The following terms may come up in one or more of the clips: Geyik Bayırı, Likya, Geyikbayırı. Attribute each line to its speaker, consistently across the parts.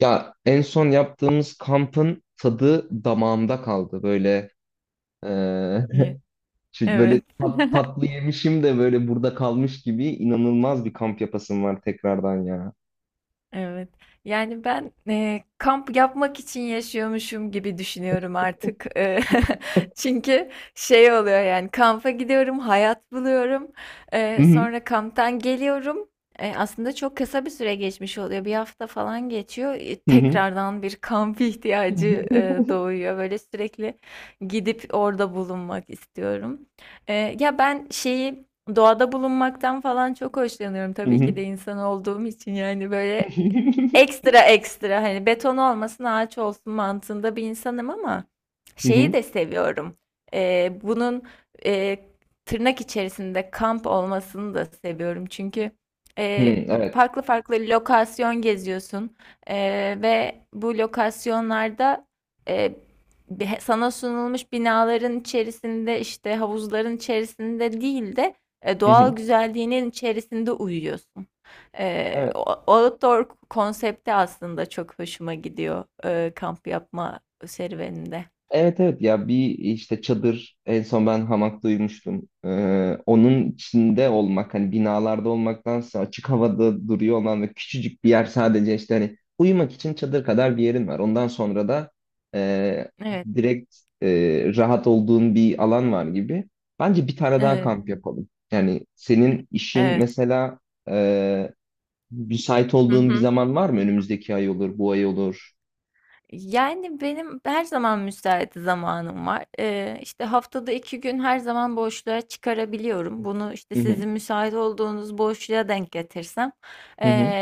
Speaker 1: Ya en son yaptığımız kampın tadı damağımda kaldı. Böyle eee,
Speaker 2: İyi.
Speaker 1: böyle
Speaker 2: Evet.
Speaker 1: tatlı yemişim de böyle burada kalmış gibi inanılmaz bir kamp yapasım var tekrardan ya.
Speaker 2: Evet. Yani ben, kamp yapmak için yaşıyormuşum gibi düşünüyorum artık. Çünkü şey oluyor yani kampa gidiyorum, hayat buluyorum.
Speaker 1: Hı hı,
Speaker 2: Sonra kamptan geliyorum. Aslında çok kısa bir süre geçmiş oluyor. Bir hafta falan geçiyor.
Speaker 1: hı hı.
Speaker 2: Tekrardan bir kamp ihtiyacı doğuyor. Böyle sürekli gidip orada bulunmak istiyorum. Ya ben şeyi doğada bulunmaktan falan çok hoşlanıyorum.
Speaker 1: Hı hı,
Speaker 2: Tabii
Speaker 1: hı hı.
Speaker 2: ki de insan olduğum için yani böyle ekstra ekstra hani beton olmasın ağaç olsun mantığında bir insanım ama
Speaker 1: Hı
Speaker 2: şeyi
Speaker 1: hı,
Speaker 2: de seviyorum. Bunun e, tırnak içerisinde kamp olmasını da seviyorum. Çünkü
Speaker 1: hı,
Speaker 2: bir
Speaker 1: evet.
Speaker 2: farklı farklı lokasyon geziyorsun. E, ve bu lokasyonlarda e, sana sunulmuş binaların içerisinde işte havuzların içerisinde değil de,
Speaker 1: Hı hı,
Speaker 2: doğal güzelliğinin içerisinde uyuyorsun.
Speaker 1: evet.
Speaker 2: O outdoor konsepti aslında çok hoşuma gidiyor, kamp yapma serüveninde.
Speaker 1: Evet evet ya bir işte çadır en son ben hamak duymuştum. Onun içinde olmak hani binalarda olmaktansa açık havada duruyor olan ve küçücük bir yer sadece işte hani uyumak için çadır kadar bir yerin var. Ondan sonra da e,
Speaker 2: Evet,
Speaker 1: direkt rahat olduğun bir alan var gibi. Bence bir tane daha
Speaker 2: evet,
Speaker 1: kamp yapalım. Yani senin işin
Speaker 2: evet.
Speaker 1: mesela e, müsait
Speaker 2: Hı
Speaker 1: olduğun bir
Speaker 2: hı.
Speaker 1: zaman var mı? Önümüzdeki ay olur, bu ay olur.
Speaker 2: Yani benim her zaman müsait zamanım var. İşte, haftada 2 gün her zaman boşluğa çıkarabiliyorum. Bunu işte,
Speaker 1: Hı hı.
Speaker 2: sizin müsait olduğunuz boşluğa denk getirsem,
Speaker 1: Hı hı.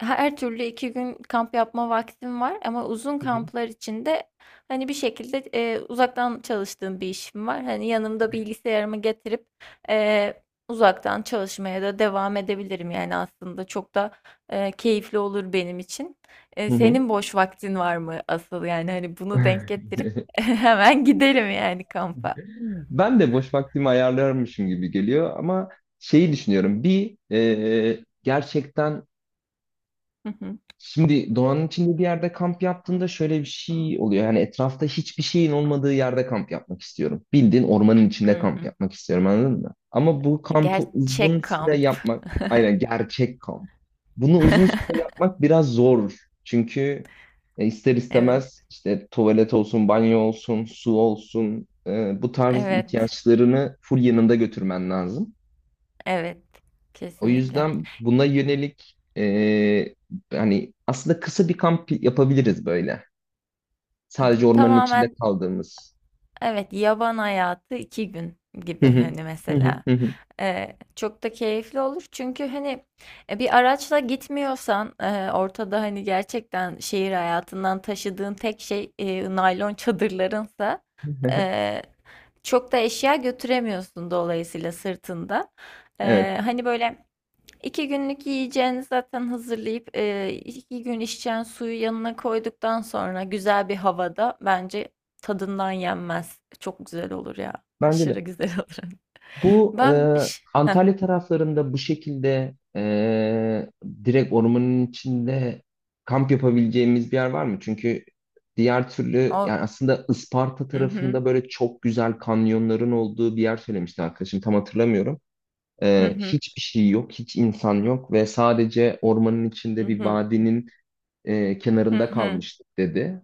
Speaker 2: her türlü 2 gün kamp yapma vaktim var ama uzun
Speaker 1: Hı hı.
Speaker 2: kamplar içinde hani, bir şekilde, uzaktan çalıştığım bir işim var. Hani, yanımda bilgisayarımı getirip, eee, uzaktan çalışmaya da devam edebilirim. Yani, aslında çok da, keyifli olur benim için.
Speaker 1: Hı hı.
Speaker 2: Senin boş vaktin var mı asıl? Yani, hani, bunu denk getirip hemen gidelim yani, kampa.
Speaker 1: Ben de boş vaktimi ayarlarmışım gibi geliyor ama şeyi düşünüyorum. Bir e, gerçekten
Speaker 2: Hı hı.
Speaker 1: Şimdi doğanın içinde bir yerde kamp yaptığında şöyle bir şey oluyor. Yani etrafta hiçbir şeyin olmadığı yerde kamp yapmak istiyorum. Bildiğin ormanın içinde
Speaker 2: Hı
Speaker 1: kamp
Speaker 2: hı.
Speaker 1: yapmak istiyorum, anladın mı? Ama bu kampı uzun
Speaker 2: Gerçek
Speaker 1: süre
Speaker 2: kamp.
Speaker 1: yapmak, aynen gerçek kamp. Bunu uzun süre yapmak biraz zor. Çünkü ister
Speaker 2: Evet.
Speaker 1: istemez işte tuvalet olsun, banyo olsun, su olsun, bu tarz
Speaker 2: Evet.
Speaker 1: ihtiyaçlarını full yanında götürmen lazım.
Speaker 2: Evet.
Speaker 1: O
Speaker 2: Kesinlikle.
Speaker 1: yüzden buna yönelik hani aslında kısa bir kamp yapabiliriz böyle. Sadece ormanın içinde
Speaker 2: Tamamen
Speaker 1: kaldığımız.
Speaker 2: evet, yaban hayatı iki gün
Speaker 1: Hı
Speaker 2: gibi
Speaker 1: hı.
Speaker 2: hani
Speaker 1: Hı hı,
Speaker 2: mesela.
Speaker 1: hı hı.
Speaker 2: Çok da keyifli olur çünkü hani, bir araçla gitmiyorsan, ortada hani gerçekten şehir hayatından taşıdığın tek şey naylon çadırlarınsa, e, çok da eşya götüremiyorsun dolayısıyla sırtında.
Speaker 1: Evet,
Speaker 2: Hani böyle. İki günlük yiyeceğini zaten hazırlayıp, iki gün içeceğin suyu yanına koyduktan sonra güzel bir havada bence tadından yenmez. Çok güzel olur ya.
Speaker 1: bence
Speaker 2: Aşırı
Speaker 1: de.
Speaker 2: güzel olur.
Speaker 1: Bu
Speaker 2: Heh,
Speaker 1: Antalya taraflarında bu şekilde direkt ormanın içinde kamp yapabileceğimiz bir yer var mı? Çünkü diğer türlü
Speaker 2: o.
Speaker 1: yani aslında Isparta
Speaker 2: Hı hı.
Speaker 1: tarafında böyle çok güzel kanyonların olduğu bir yer söylemişti arkadaşım. Tam hatırlamıyorum.
Speaker 2: Hı
Speaker 1: Ee,
Speaker 2: hı.
Speaker 1: hiçbir şey yok, hiç insan yok ve sadece ormanın
Speaker 2: Hı
Speaker 1: içinde bir
Speaker 2: hı.
Speaker 1: vadinin
Speaker 2: Hı
Speaker 1: kenarında
Speaker 2: hı.
Speaker 1: kalmıştık dedi.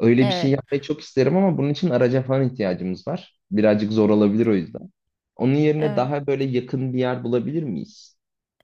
Speaker 1: Öyle bir şey
Speaker 2: Evet.
Speaker 1: yapmayı çok isterim ama bunun için araca falan ihtiyacımız var. Birazcık zor olabilir o yüzden. Onun yerine
Speaker 2: Evet.
Speaker 1: daha böyle yakın bir yer bulabilir miyiz?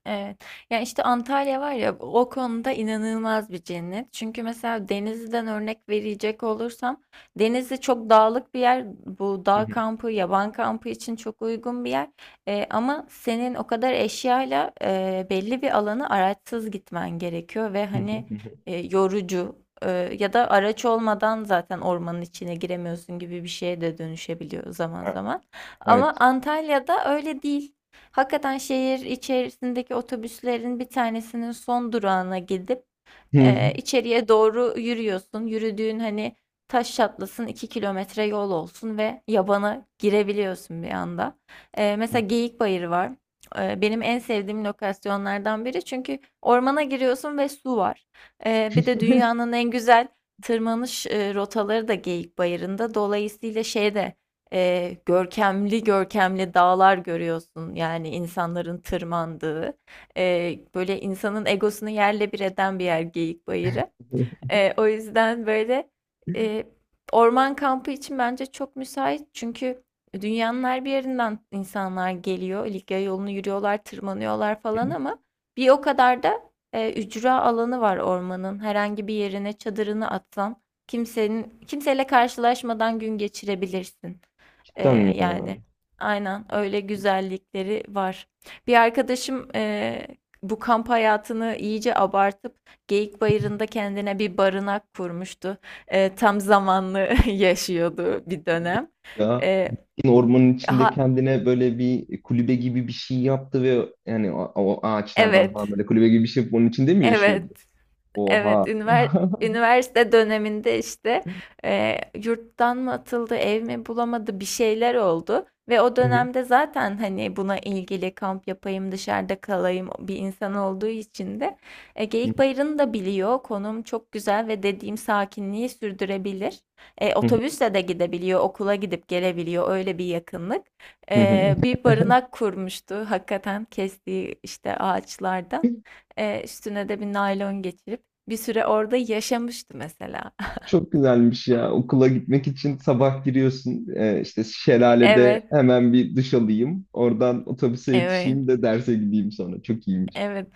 Speaker 2: Evet. Ya işte Antalya var ya, o konuda inanılmaz bir cennet. Çünkü mesela Denizli'den örnek verecek olursam, Denizli çok dağlık bir yer. Bu
Speaker 1: Hı
Speaker 2: dağ
Speaker 1: hı,
Speaker 2: kampı, yaban kampı için çok uygun bir yer. Ama senin o kadar eşyayla belli bir alanı araçsız gitmen gerekiyor ve
Speaker 1: hı hı,
Speaker 2: hani
Speaker 1: hı hı.
Speaker 2: e, yorucu e, ya da araç olmadan zaten ormanın içine giremiyorsun gibi bir şeye de dönüşebiliyor zaman
Speaker 1: Ha,
Speaker 2: zaman. Ama
Speaker 1: evet.
Speaker 2: Antalya'da öyle değil. Hakikaten şehir içerisindeki otobüslerin bir tanesinin son durağına gidip
Speaker 1: Hı hı.
Speaker 2: içeriye doğru yürüyorsun. Yürüdüğün hani taş çatlasın 2 kilometre yol olsun ve yabana girebiliyorsun bir anda. Mesela Geyikbayırı var. Benim en sevdiğim lokasyonlardan biri çünkü ormana giriyorsun ve su var. Bir de dünyanın en güzel tırmanış rotaları da Geyik Bayırında. Dolayısıyla şeyde görkemli görkemli dağlar görüyorsun yani insanların tırmandığı. Böyle, insanın egosunu yerle bir eden bir yer, Geyikbayırı. O yüzden böyle, eee, orman kampı için bence çok müsait. Çünkü dünyanın her bir yerinden insanlar geliyor. Likya yolunu yürüyorlar, tırmanıyorlar falan ama bir o kadar da, ücra alanı var ormanın. Herhangi bir yerine çadırını atsan kimsenin kimseyle karşılaşmadan gün geçirebilirsin.
Speaker 1: Cidden mi
Speaker 2: Yani
Speaker 1: ya?
Speaker 2: aynen öyle güzellikleri var. Bir arkadaşım, bu kamp hayatını iyice abartıp Geyikbayırı'nda kendine bir barınak kurmuştu. Tam zamanlı yaşıyordu bir dönem.
Speaker 1: Ya
Speaker 2: Eee,
Speaker 1: yine ormanın içinde
Speaker 2: ha
Speaker 1: kendine böyle bir kulübe gibi bir şey yaptı ve yani o, o ağaçlardan falan
Speaker 2: evet,
Speaker 1: böyle kulübe gibi bir şey yapıp onun içinde mi
Speaker 2: evet.
Speaker 1: yaşıyordu? Oha.
Speaker 2: Evet, üniversite döneminde, işte, yurttan mı atıldı, ev mi bulamadı, bir şeyler oldu ve o
Speaker 1: Hı hı,
Speaker 2: dönemde zaten, hani, buna ilgili kamp yapayım, dışarıda kalayım bir insan olduğu için de,
Speaker 1: hı
Speaker 2: Geyikbayırı'nı da biliyor. Konum çok güzel ve dediğim sakinliği sürdürebilir.
Speaker 1: hı,
Speaker 2: Otobüsle de gidebiliyor, okula gidip gelebiliyor, öyle bir yakınlık.
Speaker 1: hı hı, hı
Speaker 2: Bir barınak kurmuştu hakikaten kestiği, işte,
Speaker 1: hı.
Speaker 2: ağaçlardan. Üstüne de bir naylon geçirip bir süre orada yaşamıştı mesela.
Speaker 1: Çok güzelmiş ya. Okula gitmek için sabah giriyorsun. E, işte şelalede
Speaker 2: Evet,
Speaker 1: hemen bir duş alayım. Oradan otobüse
Speaker 2: evet,
Speaker 1: yetişeyim de derse gideyim sonra. Çok iyiymiş.
Speaker 2: evet.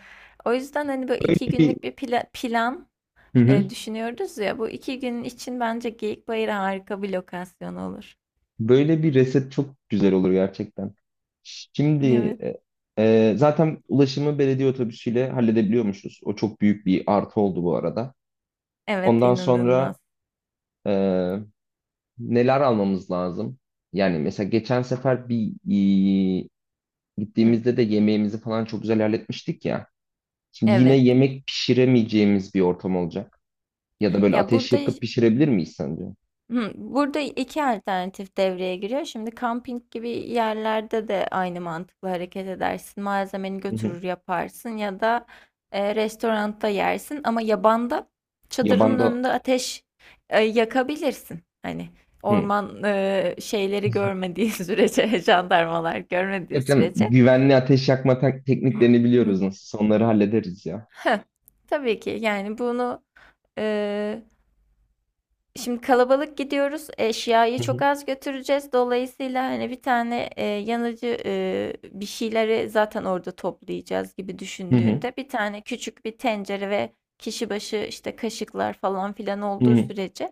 Speaker 2: O yüzden hani böyle
Speaker 1: Böyle
Speaker 2: iki
Speaker 1: bir,
Speaker 2: günlük bir plan,
Speaker 1: hı hı.
Speaker 2: düşünüyoruz ya. Bu iki gün için bence Geyikbayır harika bir lokasyon olur.
Speaker 1: Böyle bir reset çok güzel olur gerçekten. Şimdi
Speaker 2: Evet.
Speaker 1: e, zaten ulaşımı belediye otobüsüyle halledebiliyormuşuz. O çok büyük bir artı oldu bu arada.
Speaker 2: Evet,
Speaker 1: Ondan
Speaker 2: inanılmaz.
Speaker 1: sonra e, neler almamız lazım? Yani mesela geçen sefer bir
Speaker 2: Hı,
Speaker 1: Gittiğimizde de yemeğimizi falan çok güzel halletmiştik ya. Şimdi yine
Speaker 2: evet.
Speaker 1: yemek pişiremeyeceğimiz bir ortam olacak. Ya da böyle
Speaker 2: Ya
Speaker 1: ateş
Speaker 2: burada,
Speaker 1: yakıp pişirebilir miyiz sence?
Speaker 2: hı, burada 2 alternatif devreye giriyor. Şimdi kamping gibi yerlerde de aynı mantıkla hareket edersin. Malzemeni
Speaker 1: Hı hı.
Speaker 2: götürür yaparsın ya da, restoranda yersin ama yabanda çadırının
Speaker 1: Yabanda...
Speaker 2: önünde ateş yakabilirsin. Hani
Speaker 1: Hı.
Speaker 2: orman şeyleri görmediği sürece, jandarmalar görmediği
Speaker 1: Yok canım,
Speaker 2: sürece.
Speaker 1: güvenli ateş yakma tekniklerini biliyoruz nasıl. Onları hallederiz ya.
Speaker 2: Hı. Tabii ki yani bunu, e, şimdi kalabalık gidiyoruz. Eşyayı
Speaker 1: Hı
Speaker 2: çok
Speaker 1: hı.
Speaker 2: az götüreceğiz. Dolayısıyla hani bir tane yanıcı bir şeyleri zaten orada toplayacağız gibi
Speaker 1: Hı hı.
Speaker 2: düşündüğünde bir tane küçük bir tencere ve kişi başı işte kaşıklar falan filan
Speaker 1: Hı
Speaker 2: olduğu
Speaker 1: hı.
Speaker 2: sürece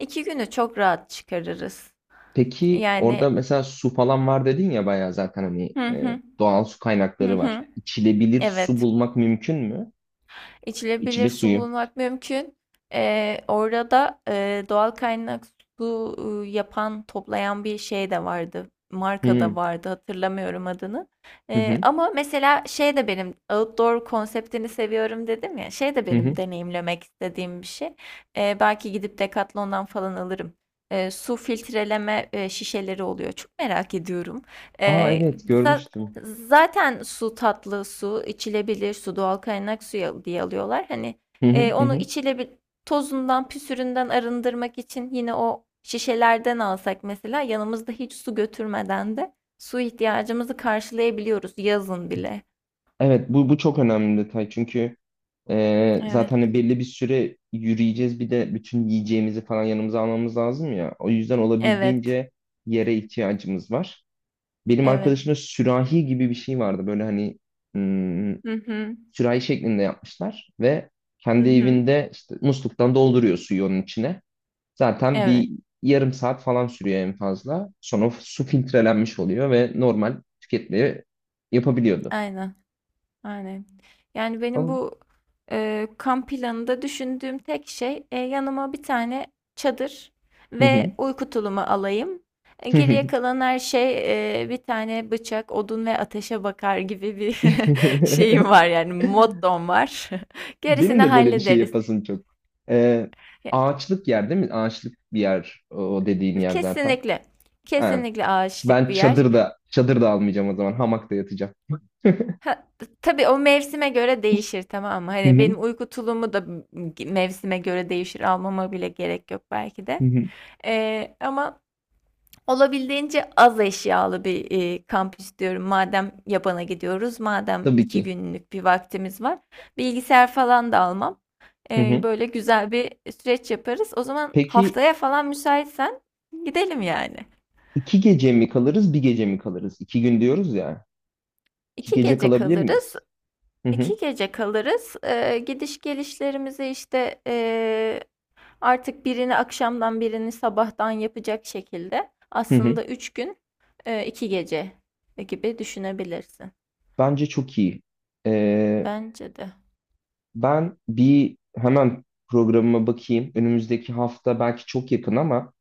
Speaker 2: iki günü çok rahat çıkarırız.
Speaker 1: Peki
Speaker 2: Yani,
Speaker 1: orada mesela su falan var dedin ya, bayağı zaten hani
Speaker 2: hı hı,
Speaker 1: doğal su
Speaker 2: hı
Speaker 1: kaynakları var.
Speaker 2: hı.
Speaker 1: İçilebilir su
Speaker 2: Evet.
Speaker 1: bulmak mümkün mü?
Speaker 2: İçilebilir
Speaker 1: İçme
Speaker 2: su
Speaker 1: suyu.
Speaker 2: bulmak mümkün. Orada da doğal kaynak su yapan, toplayan bir şey de vardı.
Speaker 1: Hı
Speaker 2: Marka da
Speaker 1: hı
Speaker 2: vardı, hatırlamıyorum adını.
Speaker 1: hı hı.
Speaker 2: Ama mesela şey de, benim outdoor konseptini seviyorum dedim ya. Şey de
Speaker 1: Hı
Speaker 2: benim
Speaker 1: hı.
Speaker 2: deneyimlemek istediğim bir şey. Belki gidip Decathlon'dan falan alırım. Su filtreleme şişeleri oluyor. Çok merak ediyorum.
Speaker 1: Aa,
Speaker 2: Ee,
Speaker 1: evet,
Speaker 2: za-
Speaker 1: görmüştüm.
Speaker 2: Zaten su, tatlı su, içilebilir su, doğal kaynak suyu diye alıyorlar. Hani,
Speaker 1: Hı hı hı.
Speaker 2: onu
Speaker 1: Hı.
Speaker 2: tozundan, püsüründen arındırmak için yine o şişelerden alsak mesela, yanımızda hiç su götürmeden de su ihtiyacımızı karşılayabiliyoruz yazın bile.
Speaker 1: Evet, bu çok önemli bir detay çünkü
Speaker 2: Evet.
Speaker 1: zaten hani belli bir süre yürüyeceğiz, bir de bütün yiyeceğimizi falan yanımıza almamız lazım ya. O yüzden
Speaker 2: Evet,
Speaker 1: olabildiğince yere ihtiyacımız var. Benim
Speaker 2: evet.
Speaker 1: arkadaşımda sürahi gibi bir şey vardı böyle hani hmm,
Speaker 2: Hı hı.
Speaker 1: sürahi şeklinde yapmışlar ve
Speaker 2: Hı
Speaker 1: kendi
Speaker 2: hı.
Speaker 1: evinde işte musluktan dolduruyor suyu onun içine. Zaten
Speaker 2: Evet,
Speaker 1: bir yarım saat falan sürüyor en fazla. Sonra su filtrelenmiş oluyor ve normal tüketmeyi yapabiliyordu.
Speaker 2: aynen. Aynen. Yani benim
Speaker 1: Ama-
Speaker 2: bu kamp planında düşündüğüm tek şey, yanıma bir tane çadır
Speaker 1: Hı
Speaker 2: ve uyku tulumu alayım.
Speaker 1: hı.
Speaker 2: Geriye kalan her şey, bir tane bıçak, odun ve ateşe bakar gibi bir şeyim var, yani mottom var.
Speaker 1: Benim
Speaker 2: Gerisini
Speaker 1: de böyle bir şey
Speaker 2: hallederiz.
Speaker 1: yapasım çok. Ee,
Speaker 2: Ya,
Speaker 1: Ağaçlık yer değil mi? Ağaçlık bir yer o o dediğin yer zaten.
Speaker 2: kesinlikle.
Speaker 1: Ha,
Speaker 2: Kesinlikle ağaçlık
Speaker 1: ben
Speaker 2: bir yer.
Speaker 1: çadırda almayacağım o zaman. Hamakta yatacağım.
Speaker 2: Ha, tabii o mevsime göre değişir, tamam mı?
Speaker 1: Hı
Speaker 2: Hani
Speaker 1: hı,
Speaker 2: benim uyku tulumu da mevsime göre değişir. Almama bile gerek yok belki
Speaker 1: hı
Speaker 2: de.
Speaker 1: hı.
Speaker 2: Ama olabildiğince az eşyalı bir kamp istiyorum. Madem yabana gidiyoruz, madem
Speaker 1: Tabii
Speaker 2: iki
Speaker 1: ki.
Speaker 2: günlük bir vaktimiz var. Bilgisayar falan da almam.
Speaker 1: Hı hı.
Speaker 2: Böyle güzel bir süreç yaparız. O zaman
Speaker 1: Peki
Speaker 2: haftaya falan müsaitsen gidelim yani.
Speaker 1: 2 gece mi kalırız, bir gece mi kalırız? 2 gün diyoruz ya. İki
Speaker 2: İki
Speaker 1: gece
Speaker 2: gece
Speaker 1: kalabilir
Speaker 2: kalırız.
Speaker 1: miyiz? Hı hı,
Speaker 2: 2 gece kalırız. Gidiş gelişlerimizi, işte, artık birini akşamdan birini sabahtan yapacak şekilde
Speaker 1: hı hı.
Speaker 2: aslında 3 gün, 2 gece gibi düşünebilirsin.
Speaker 1: Bence çok iyi. Ee,
Speaker 2: Bence de.
Speaker 1: ben bir hemen programıma bakayım. Önümüzdeki hafta belki çok yakın ama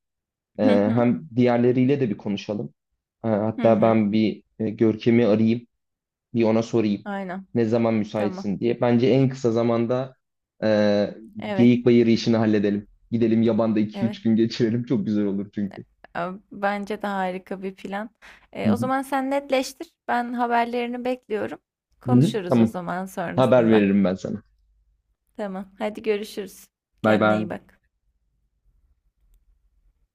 Speaker 2: Hı hı.
Speaker 1: Hem diğerleriyle de bir konuşalım. Ee,
Speaker 2: Hı
Speaker 1: hatta
Speaker 2: hı.
Speaker 1: ben bir Görkem'i arayayım, bir ona sorayım
Speaker 2: Aynen.
Speaker 1: ne zaman
Speaker 2: Tamam.
Speaker 1: müsaitsin diye. Bence en kısa zamanda e,
Speaker 2: Evet,
Speaker 1: Geyik Bayırı işini halledelim. Gidelim yabanda iki
Speaker 2: evet.
Speaker 1: üç gün geçirelim. Çok güzel olur çünkü.
Speaker 2: A bence de harika bir plan.
Speaker 1: Hı
Speaker 2: O
Speaker 1: hı.
Speaker 2: zaman sen netleştir. Ben haberlerini bekliyorum.
Speaker 1: Hı hı.
Speaker 2: Konuşuruz o
Speaker 1: Tamam,
Speaker 2: zaman
Speaker 1: haber
Speaker 2: sonrasında.
Speaker 1: veririm ben sana.
Speaker 2: Tamam. Hadi görüşürüz.
Speaker 1: Bay
Speaker 2: Kendine
Speaker 1: bay.
Speaker 2: iyi bak.